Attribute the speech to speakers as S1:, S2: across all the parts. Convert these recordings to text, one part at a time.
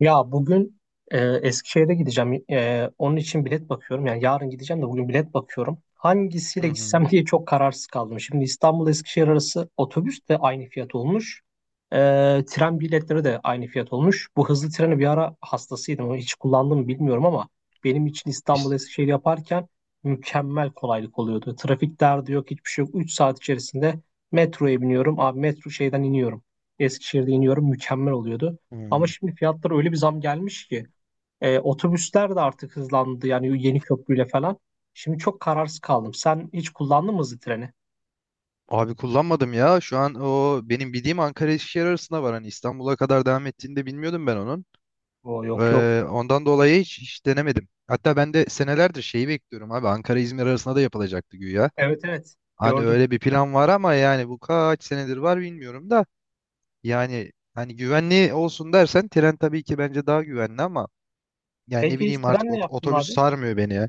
S1: Ya bugün Eskişehir'e gideceğim. Onun için bilet bakıyorum. Yani yarın gideceğim de bugün bilet bakıyorum. Hangisiyle
S2: Hı
S1: gitsem
S2: hı.
S1: diye çok kararsız kaldım. Şimdi İstanbul Eskişehir arası otobüs de aynı fiyat olmuş. E, tren biletleri de aynı fiyat olmuş. Bu hızlı treni bir ara hastasıydım. Onu hiç kullandım mı bilmiyorum ama benim için İstanbul Eskişehir yaparken mükemmel kolaylık oluyordu. Trafik derdi yok, hiçbir şey yok. 3 saat içerisinde metroya biniyorum. Abi metro şeyden iniyorum. Eskişehir'de iniyorum. Mükemmel oluyordu. Ama
S2: Hmm.
S1: şimdi fiyatlara öyle bir zam gelmiş ki otobüsler de artık hızlandı, yani yeni köprüyle falan. Şimdi çok kararsız kaldım. Sen hiç kullandın mı hızlı treni?
S2: Abi kullanmadım ya. Şu an o benim bildiğim Ankara Eskişehir arasında var. Hani İstanbul'a kadar devam ettiğini de bilmiyordum ben onun.
S1: Oo, yok yok.
S2: Ondan dolayı hiç denemedim. Hatta ben de senelerdir şeyi bekliyorum abi. Ankara-İzmir arasında da yapılacaktı güya.
S1: Evet evet,
S2: Hani
S1: gördüm.
S2: öyle bir plan var ama yani bu kaç senedir var bilmiyorum da. Yani hani güvenli olsun dersen tren tabii ki bence daha güvenli ama yani ne
S1: Peki hiç
S2: bileyim artık
S1: trenle yaptın mı
S2: otobüs
S1: abi?
S2: sarmıyor beni ya.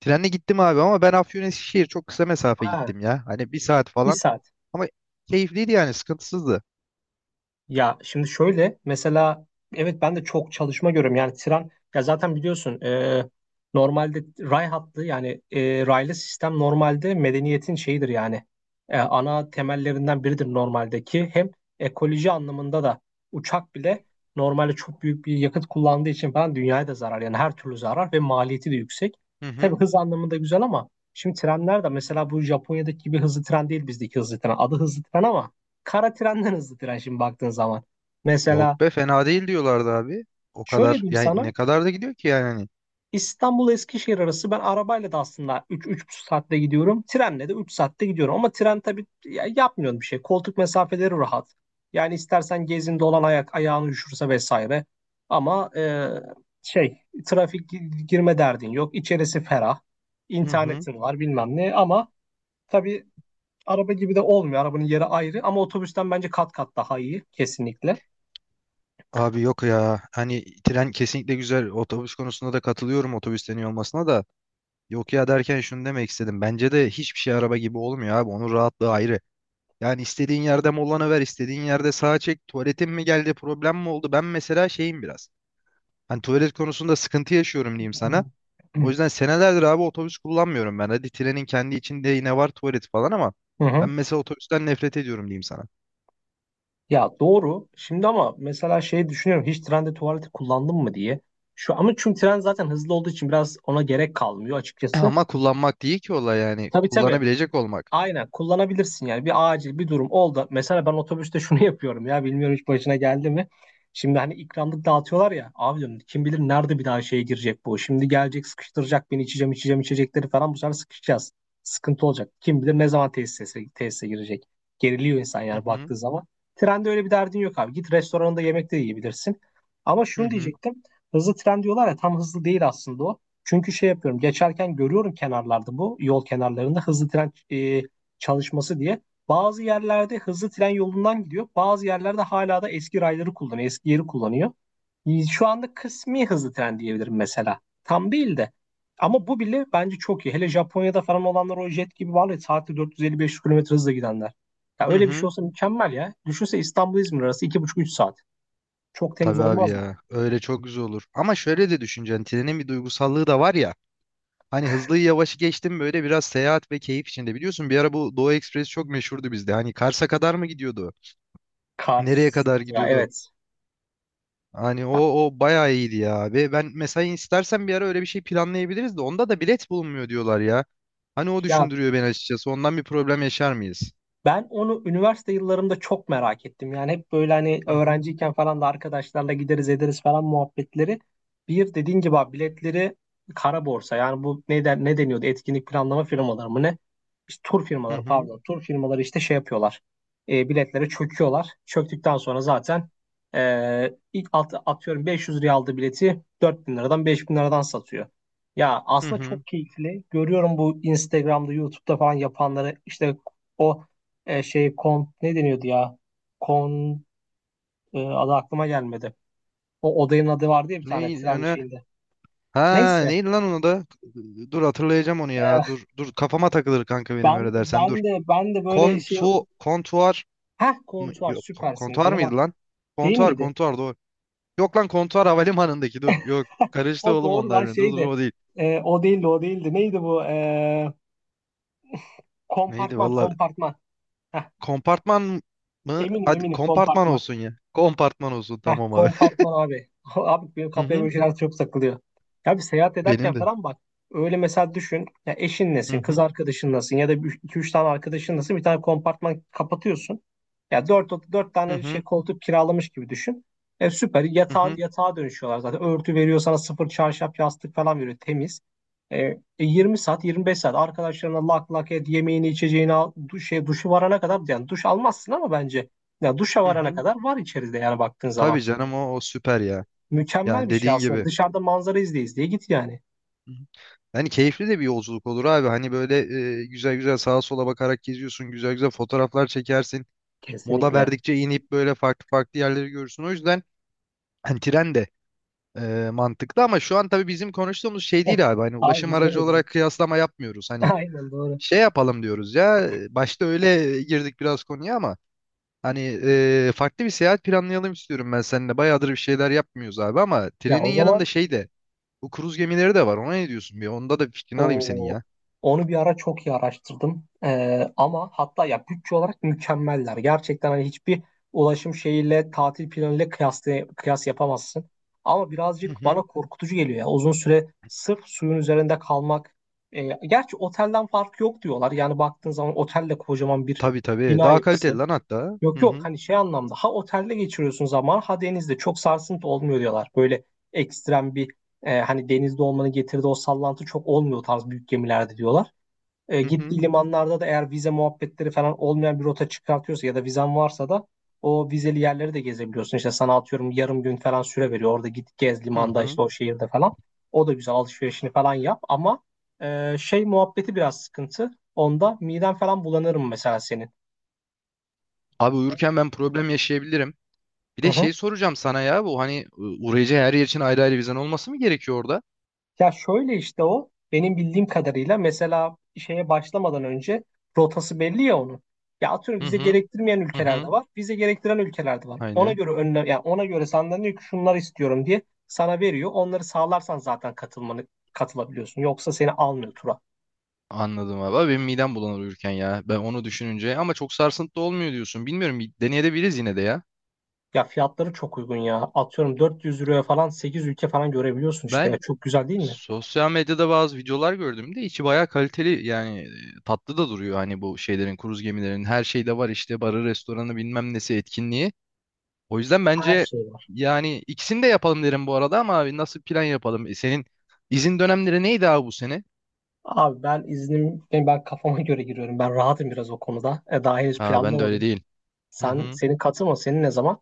S2: Trenle gittim abi ama ben Afyon Eskişehir çok kısa mesafe
S1: Ha,
S2: gittim ya. Hani bir saat
S1: bir
S2: falan.
S1: saat.
S2: Ama keyifliydi yani sıkıntısızdı.
S1: Ya şimdi şöyle mesela, evet, ben de çok çalışma görüyorum yani tren, ya zaten biliyorsun normalde ray hattı, yani raylı sistem normalde medeniyetin şeyidir yani. Ana temellerinden biridir normaldeki, hem ekoloji anlamında da uçak bile normalde çok büyük bir yakıt kullandığı için falan dünyaya da zarar, yani her türlü zarar, ve maliyeti de yüksek.
S2: Hı
S1: Tabii
S2: hı.
S1: hız anlamında güzel ama şimdi trenler de mesela bu Japonya'daki gibi hızlı tren değil, bizdeki hızlı tren adı hızlı tren ama kara trenden hızlı tren şimdi baktığın zaman.
S2: Yok
S1: Mesela
S2: be fena değil diyorlardı abi. O
S1: şöyle
S2: kadar
S1: diyeyim
S2: yani
S1: sana,
S2: ne kadar da gidiyor ki yani hani.
S1: İstanbul Eskişehir arası ben arabayla da aslında 3-3,5 saatte gidiyorum. Trenle de 3 saatte gidiyorum. Ama tren tabii yapmıyorsun bir şey. Koltuk mesafeleri rahat. Yani istersen gezin dolan, ayak ayağını üşürse vesaire. Ama şey trafik girme derdin yok. İçerisi ferah.
S2: Hı hı.
S1: İnternetin var, bilmem ne ama tabii araba gibi de olmuyor. Arabanın yeri ayrı ama otobüsten bence kat kat daha iyi, kesinlikle.
S2: Abi yok ya hani tren kesinlikle güzel, otobüs konusunda da katılıyorum otobüsten iyi olmasına da. Yok ya derken şunu demek istedim, bence de hiçbir şey araba gibi olmuyor abi, onun rahatlığı ayrı. Yani istediğin yerde molana ver, istediğin yerde sağa çek, tuvaletin mi geldi, problem mi oldu. Ben mesela şeyim biraz, hani tuvalet konusunda sıkıntı yaşıyorum diyeyim sana. O
S1: Hmm.
S2: yüzden senelerdir abi otobüs kullanmıyorum ben. Hadi trenin kendi içinde yine var tuvalet falan ama
S1: Hı
S2: ben
S1: hı.
S2: mesela otobüsten nefret ediyorum diyeyim sana.
S1: Ya doğru. Şimdi ama mesela şey düşünüyorum. Hiç trende tuvaleti kullandın mı diye. Şu ama, çünkü tren zaten hızlı olduğu için biraz ona gerek kalmıyor açıkçası.
S2: Ama kullanmak değil ki olay yani.
S1: Tabii tabii.
S2: Kullanabilecek olmak.
S1: Aynen kullanabilirsin yani, bir acil bir durum oldu. Mesela ben otobüste şunu yapıyorum ya, bilmiyorum, hiç başına geldi mi? Şimdi hani ikramlık dağıtıyorlar ya abi, diyorum kim bilir nerede bir daha şeye girecek bu. Şimdi gelecek sıkıştıracak beni, içeceğim içeceğim içecekleri falan, bu sefer sıkışacağız. Sıkıntı olacak. Kim bilir ne zaman tesise, tesise girecek. Geriliyor insan
S2: Hı
S1: yani
S2: hı
S1: baktığı zaman. Trende öyle bir derdin yok abi. Git restoranında yemek de yiyebilirsin. Ama
S2: hı
S1: şunu
S2: hı
S1: diyecektim. Hızlı tren diyorlar ya, tam hızlı değil aslında o. Çünkü şey yapıyorum, geçerken görüyorum kenarlarda, bu yol kenarlarında hızlı tren çalışması diye. Bazı yerlerde hızlı tren yolundan gidiyor. Bazı yerlerde hala da eski rayları kullanıyor. Eski yeri kullanıyor. Şu anda kısmi hızlı tren diyebilirim mesela. Tam değil de. Ama bu bile bence çok iyi. Hele Japonya'da falan olanlar o jet gibi var ya, saatte 450-500 kilometre hızla gidenler. Ya
S2: hı
S1: öyle bir şey
S2: hı.
S1: olsa mükemmel ya. Düşünse İstanbul İzmir arası iki buçuk üç saat. Çok temiz
S2: Tabii abi
S1: olmaz mı?
S2: ya. Öyle çok güzel olur. Ama şöyle de düşüneceksin. Trenin bir duygusallığı da var ya. Hani hızlıyı yavaşı geçtim, böyle biraz seyahat ve keyif içinde. Biliyorsun bir ara bu Doğu Ekspresi çok meşhurdu bizde. Hani Kars'a kadar mı gidiyordu? Nereye
S1: Kars.
S2: kadar
S1: Ya
S2: gidiyordu?
S1: evet.
S2: Hani o bayağı iyiydi ya abi. Ben mesela istersen bir ara öyle bir şey planlayabiliriz de onda da bilet bulunmuyor diyorlar ya. Hani o
S1: Ya
S2: düşündürüyor beni açıkçası. Ondan bir problem yaşar mıyız?
S1: ben onu üniversite yıllarımda çok merak ettim. Yani hep böyle hani,
S2: Hı hı
S1: öğrenciyken falan da arkadaşlarla gideriz ederiz falan muhabbetleri. Bir dediğin gibi abi biletleri kara borsa. Yani bu ne deniyordu? Etkinlik planlama firmaları mı ne? İşte tur
S2: hı
S1: firmaları,
S2: hı
S1: pardon. Tur firmaları işte şey yapıyorlar. Biletlere çöküyorlar. Çöktükten sonra zaten ilk atıyorum 500 liraya aldığı bileti 4.000 liradan 5.000 liradan satıyor. Ya
S2: hı
S1: aslında
S2: hı.
S1: çok keyifli. Görüyorum bu Instagram'da, YouTube'da falan yapanları işte o şey ne deniyordu ya? Kon adı aklıma gelmedi. O odanın adı vardı ya bir tane
S2: Ne
S1: tren
S2: öne?
S1: şeyinde.
S2: Ha
S1: Neyse.
S2: neydi lan onu da? Dur hatırlayacağım onu ya.
S1: e,
S2: Dur dur kafama takılır kanka, benim
S1: ben
S2: öyle dersen dur.
S1: ben de ben de böyle şey.
S2: Kontuar
S1: Heh,
S2: mı?
S1: kontuar,
S2: Yok,
S1: süpersin.
S2: kontuar
S1: Benim
S2: mıydı lan?
S1: değil
S2: Kontuar
S1: miydi?
S2: kontuar doğru. Yok lan, kontuar havalimanındaki, dur. Yok, karıştı
S1: O
S2: oğlum
S1: doğru
S2: onlar
S1: lan
S2: birbirine. Dur dur,
S1: şeydi.
S2: o değil.
S1: O değildi, o değildi. Neydi bu? E,
S2: Neydi
S1: kompartman
S2: valla.
S1: kompartman. Heh,
S2: Kompartman mı?
S1: eminim
S2: Hadi
S1: eminim
S2: kompartman
S1: kompartman.
S2: olsun ya. Kompartman olsun
S1: Heh,
S2: tamam abi.
S1: kompartman abi. Abi benim
S2: Hı
S1: kafaya böyle
S2: hı.
S1: şeyler çok takılıyor. Ya bir seyahat ederken
S2: Benim de.
S1: falan bak. Öyle mesela düşün. Ya eşin
S2: Hı
S1: nesin, kız
S2: hı.
S1: arkadaşın nasın ya da iki üç tane arkadaşın nasın, bir tane kompartman kapatıyorsun. Ya dört
S2: Hı
S1: tane
S2: hı.
S1: şey koltuk kiralamış gibi düşün. Süper,
S2: Hı hı.
S1: yatağa dönüşüyorlar zaten. Örtü veriyor sana sıfır, çarşaf yastık falan veriyor, temiz. Yirmi saat 25 saat arkadaşlarına lak lak et, yemeğini içeceğini al, duşu varana kadar, yani duş almazsın ama bence ya duşa
S2: Hı
S1: varana
S2: hı.
S1: kadar var içeride yani baktığın zaman.
S2: Tabii canım, o süper ya.
S1: Mükemmel
S2: Yani
S1: bir şey
S2: dediğin
S1: aslında.
S2: gibi.
S1: Dışarıda manzara izle izleye git yani.
S2: Hı hı. Hani keyifli de bir yolculuk olur abi. Hani böyle güzel güzel sağa sola bakarak geziyorsun. Güzel güzel fotoğraflar çekersin. Mola
S1: Kesinlikle.
S2: verdikçe inip böyle farklı farklı yerleri görürsün. O yüzden hani tren de mantıklı ama şu an tabii bizim konuştuğumuz şey değil abi. Hani
S1: Abi
S2: ulaşım
S1: biz ne
S2: aracı
S1: dedik?
S2: olarak kıyaslama yapmıyoruz. Hani
S1: Aynen doğru.
S2: şey yapalım diyoruz ya. Başta öyle girdik biraz konuya ama hani farklı bir seyahat planlayalım istiyorum ben seninle. Bayağıdır bir şeyler yapmıyoruz abi. Ama
S1: Ya
S2: trenin
S1: o
S2: yanında
S1: zaman
S2: şey de, bu kruz gemileri de var. Ona ne diyorsun bir? Onda da bir fikrini alayım senin
S1: o
S2: ya.
S1: onu bir ara çok iyi araştırdım. Ama hatta ya bütçe olarak mükemmeller. Gerçekten hani hiçbir ulaşım şeyiyle, tatil planıyla kıyas yapamazsın. Ama
S2: Hı
S1: birazcık
S2: hı.
S1: bana korkutucu geliyor ya. Uzun süre sırf suyun üzerinde kalmak. Gerçi otelden fark yok diyorlar. Yani baktığın zaman otel de kocaman bir
S2: Tabii tabii.
S1: bina
S2: Daha kaliteli
S1: yapısı.
S2: lan hatta.
S1: Yok
S2: Hı
S1: yok,
S2: hı.
S1: hani şey anlamda, ha otelde geçiriyorsun zaman, ha denizde, çok sarsıntı olmuyor diyorlar. Böyle ekstrem bir hani denizde olmanın getirdiği o sallantı çok olmuyor tarz büyük gemilerde diyorlar. E,
S2: Hı hı.
S1: gittiği limanlarda da eğer vize muhabbetleri falan olmayan bir rota çıkartıyorsa, ya da vizen varsa da o vizeli yerleri de gezebiliyorsun. İşte sana atıyorum yarım gün falan süre veriyor. Orada git gez
S2: Hı
S1: limanda,
S2: hı.
S1: işte o şehirde falan. O da güzel, alışverişini falan yap ama şey muhabbeti biraz sıkıntı. Onda miden falan bulanırım mesela senin.
S2: Abi uyurken ben problem yaşayabilirim. Bir
S1: Hı
S2: de
S1: hı.
S2: şey soracağım sana ya, bu hani uğrayacağı her yer için ayrı ayrı vizen olması mı gerekiyor orada?
S1: Ya şöyle işte, o benim bildiğim kadarıyla mesela şeye başlamadan önce rotası belli ya onun. Ya atıyorum
S2: Hı
S1: vize
S2: hı.
S1: gerektirmeyen
S2: Hı
S1: ülkeler de
S2: hı.
S1: var, vize gerektiren ülkeler de var. Ona
S2: Aynen.
S1: göre önlem, yani ona göre senden diyor ki şunlar istiyorum diye sana veriyor. Onları sağlarsan zaten katılabiliyorsun. Yoksa seni almıyor tura.
S2: Anladım abi. Abi benim midem bulanır uyurken ya. Ben onu düşününce, ama çok sarsıntı olmuyor diyorsun. Bilmiyorum, bir deneyebiliriz yine de ya.
S1: Ya fiyatları çok uygun ya. Atıyorum 400 euroya falan 8 ülke falan görebiliyorsun işte. Ya
S2: Ben
S1: çok güzel değil mi?
S2: sosyal medyada bazı videolar gördüm de içi bayağı kaliteli, yani tatlı da duruyor hani bu şeylerin, kruz gemilerin her şeyde var işte, barı, restoranı, bilmem nesi, etkinliği. O yüzden
S1: Her
S2: bence
S1: şey var.
S2: yani ikisini de yapalım derim bu arada ama abi nasıl plan yapalım? Senin izin dönemleri neydi abi bu sene?
S1: Abi ben kafama göre giriyorum. Ben rahatım biraz o konuda. Daha henüz
S2: Ha ben de öyle
S1: planlamadım.
S2: değil. Hı
S1: Sen
S2: hı.
S1: senin katılma senin ne zaman?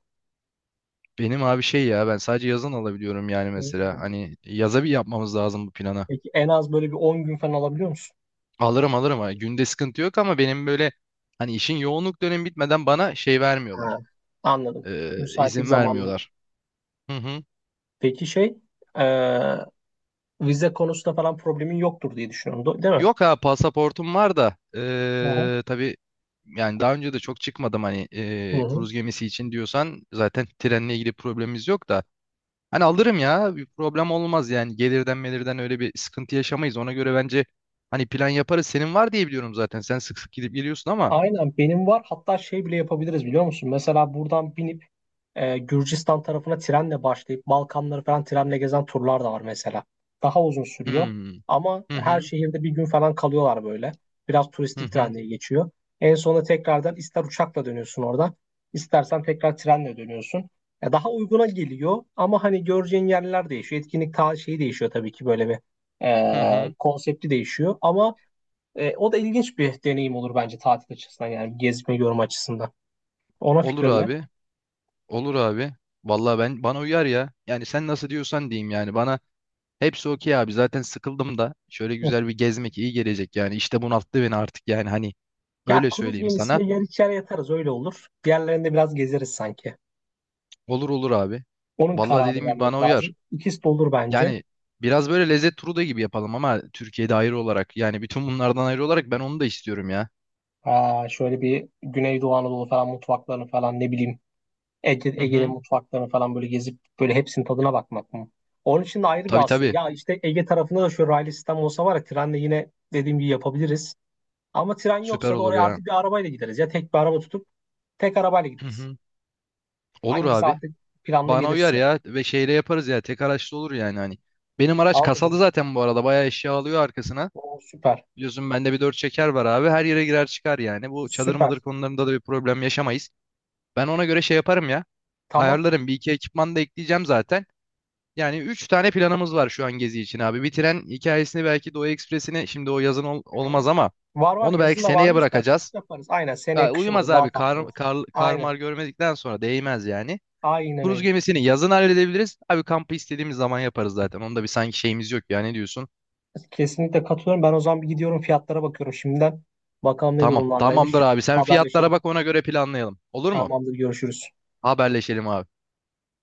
S2: Benim abi şey ya, ben sadece yazın alabiliyorum, yani mesela
S1: Hmm.
S2: hani yaza bir yapmamız lazım bu plana.
S1: Peki en az böyle bir 10 gün falan alabiliyor musun?
S2: Alırım alırım ha. Günde sıkıntı yok ama benim böyle hani işin yoğunluk dönemi bitmeden bana şey vermiyorlar.
S1: Ha, anladım. Müsaitlik
S2: İzin
S1: zamanları.
S2: vermiyorlar. Hı hı.
S1: Peki şey e, vize konusunda falan problemin yoktur diye düşünüyorum. Değil mi?
S2: Yok, ha pasaportum var da,
S1: Aha.
S2: tabii, yani daha önce de çok çıkmadım hani,
S1: Hı hı. Hı.
S2: kruz gemisi için diyorsan zaten trenle ilgili problemimiz yok da. Hani alırım ya, bir problem olmaz, yani gelirden melirden öyle bir sıkıntı yaşamayız. Ona göre bence hani plan yaparız. Senin var diye biliyorum zaten, sen sık sık gidip geliyorsun ama.
S1: Aynen benim var. Hatta şey bile yapabiliriz, biliyor musun? Mesela buradan binip Gürcistan tarafına trenle başlayıp Balkanları falan trenle gezen turlar da var mesela. Daha uzun sürüyor
S2: Hmm.
S1: ama
S2: Hı
S1: her
S2: hı.
S1: şehirde bir gün falan kalıyorlar böyle. Biraz
S2: Hı
S1: turistik,
S2: hı.
S1: trenle geçiyor. En sonunda tekrardan ister uçakla dönüyorsun oradan, istersen tekrar trenle dönüyorsun. Ya daha uyguna geliyor ama hani göreceğin yerler değişiyor. Etkinlik ta şeyi değişiyor tabii ki, böyle bir
S2: Hı hı.
S1: konsepti değişiyor ama o da ilginç bir deneyim olur bence, tatil açısından yani, gezme yorum açısından. Ona
S2: Olur
S1: fikrin ne?
S2: abi. Olur abi. Vallahi ben, bana uyar ya. Yani sen nasıl diyorsan diyeyim, yani bana hepsi okey abi. Zaten sıkıldım da, şöyle
S1: Hı.
S2: güzel bir gezmek iyi gelecek yani. İşte bunalttı beni artık yani, hani
S1: Ya
S2: öyle
S1: kruz
S2: söyleyeyim sana.
S1: gemisinde yer içer yatarız, öyle olur. Diğerlerinde biraz gezeriz sanki.
S2: Olur olur abi.
S1: Onun
S2: Vallahi
S1: kararı
S2: dediğim gibi bana
S1: vermek
S2: uyar.
S1: lazım. İkisi de olur bence.
S2: Yani biraz böyle lezzet turu da gibi yapalım ama Türkiye'de, ayrı olarak. Yani bütün bunlardan ayrı olarak ben onu da istiyorum ya.
S1: Aa, şöyle bir Güneydoğu Anadolu falan mutfaklarını falan, ne bileyim,
S2: Hı
S1: Ege'nin
S2: hı.
S1: mutfaklarını falan böyle gezip böyle hepsinin tadına bakmak mı? Onun için de ayrı bir
S2: Tabii
S1: aslında.
S2: tabii.
S1: Ya işte Ege tarafında da şöyle raylı sistem olsa var ya, trenle yine dediğim gibi yapabiliriz. Ama tren
S2: Süper
S1: yoksa da
S2: olur
S1: oraya
S2: ya.
S1: artık bir arabayla gideriz. Ya tek bir araba tutup tek arabayla
S2: Hı
S1: gideriz.
S2: hı. Olur
S1: Hangisi
S2: abi.
S1: artık planlı
S2: Bana uyar
S1: gelirse.
S2: ya, ve şeyle yaparız ya. Tek araçlı olur yani hani. Benim araç
S1: Tamam o
S2: kasalı
S1: zaman.
S2: zaten bu arada. Bayağı eşya alıyor arkasına.
S1: Oo, süper.
S2: Biliyorsun bende bir dört çeker var abi. Her yere girer çıkar yani. Bu çadır
S1: Süper.
S2: madır konularında da bir problem yaşamayız. Ben ona göre şey yaparım ya.
S1: Tamam.
S2: Ayarlarım. Bir iki ekipman da ekleyeceğim zaten. Yani 3 tane planımız var şu an gezi için abi. Bitiren hikayesini, belki Doğu Ekspresi'ne, şimdi o yazın
S1: Hı-hı.
S2: olmaz ama
S1: Var var,
S2: onu
S1: yazın
S2: belki
S1: da
S2: seneye
S1: varmış da
S2: bırakacağız.
S1: yaparız. Aynen,
S2: Ya
S1: seneye kışın
S2: uyumaz
S1: olur.
S2: abi,
S1: Daha tatlı olur. Aynen.
S2: karmar görmedikten sonra değmez yani.
S1: Aynen
S2: Kruz
S1: öyle.
S2: gemisini yazın halledebiliriz. Abi kampı istediğimiz zaman yaparız zaten. Onda bir sanki şeyimiz yok ya, ne diyorsun?
S1: Kesinlikle katılıyorum. Ben o zaman bir gidiyorum, fiyatlara bakıyorum şimdiden. Bakalım ne
S2: Tamam tamamdır
S1: durumlardaymış.
S2: abi, sen fiyatlara
S1: Haberleşelim.
S2: bak ona göre planlayalım. Olur mu?
S1: Tamamdır. Görüşürüz.
S2: Haberleşelim abi.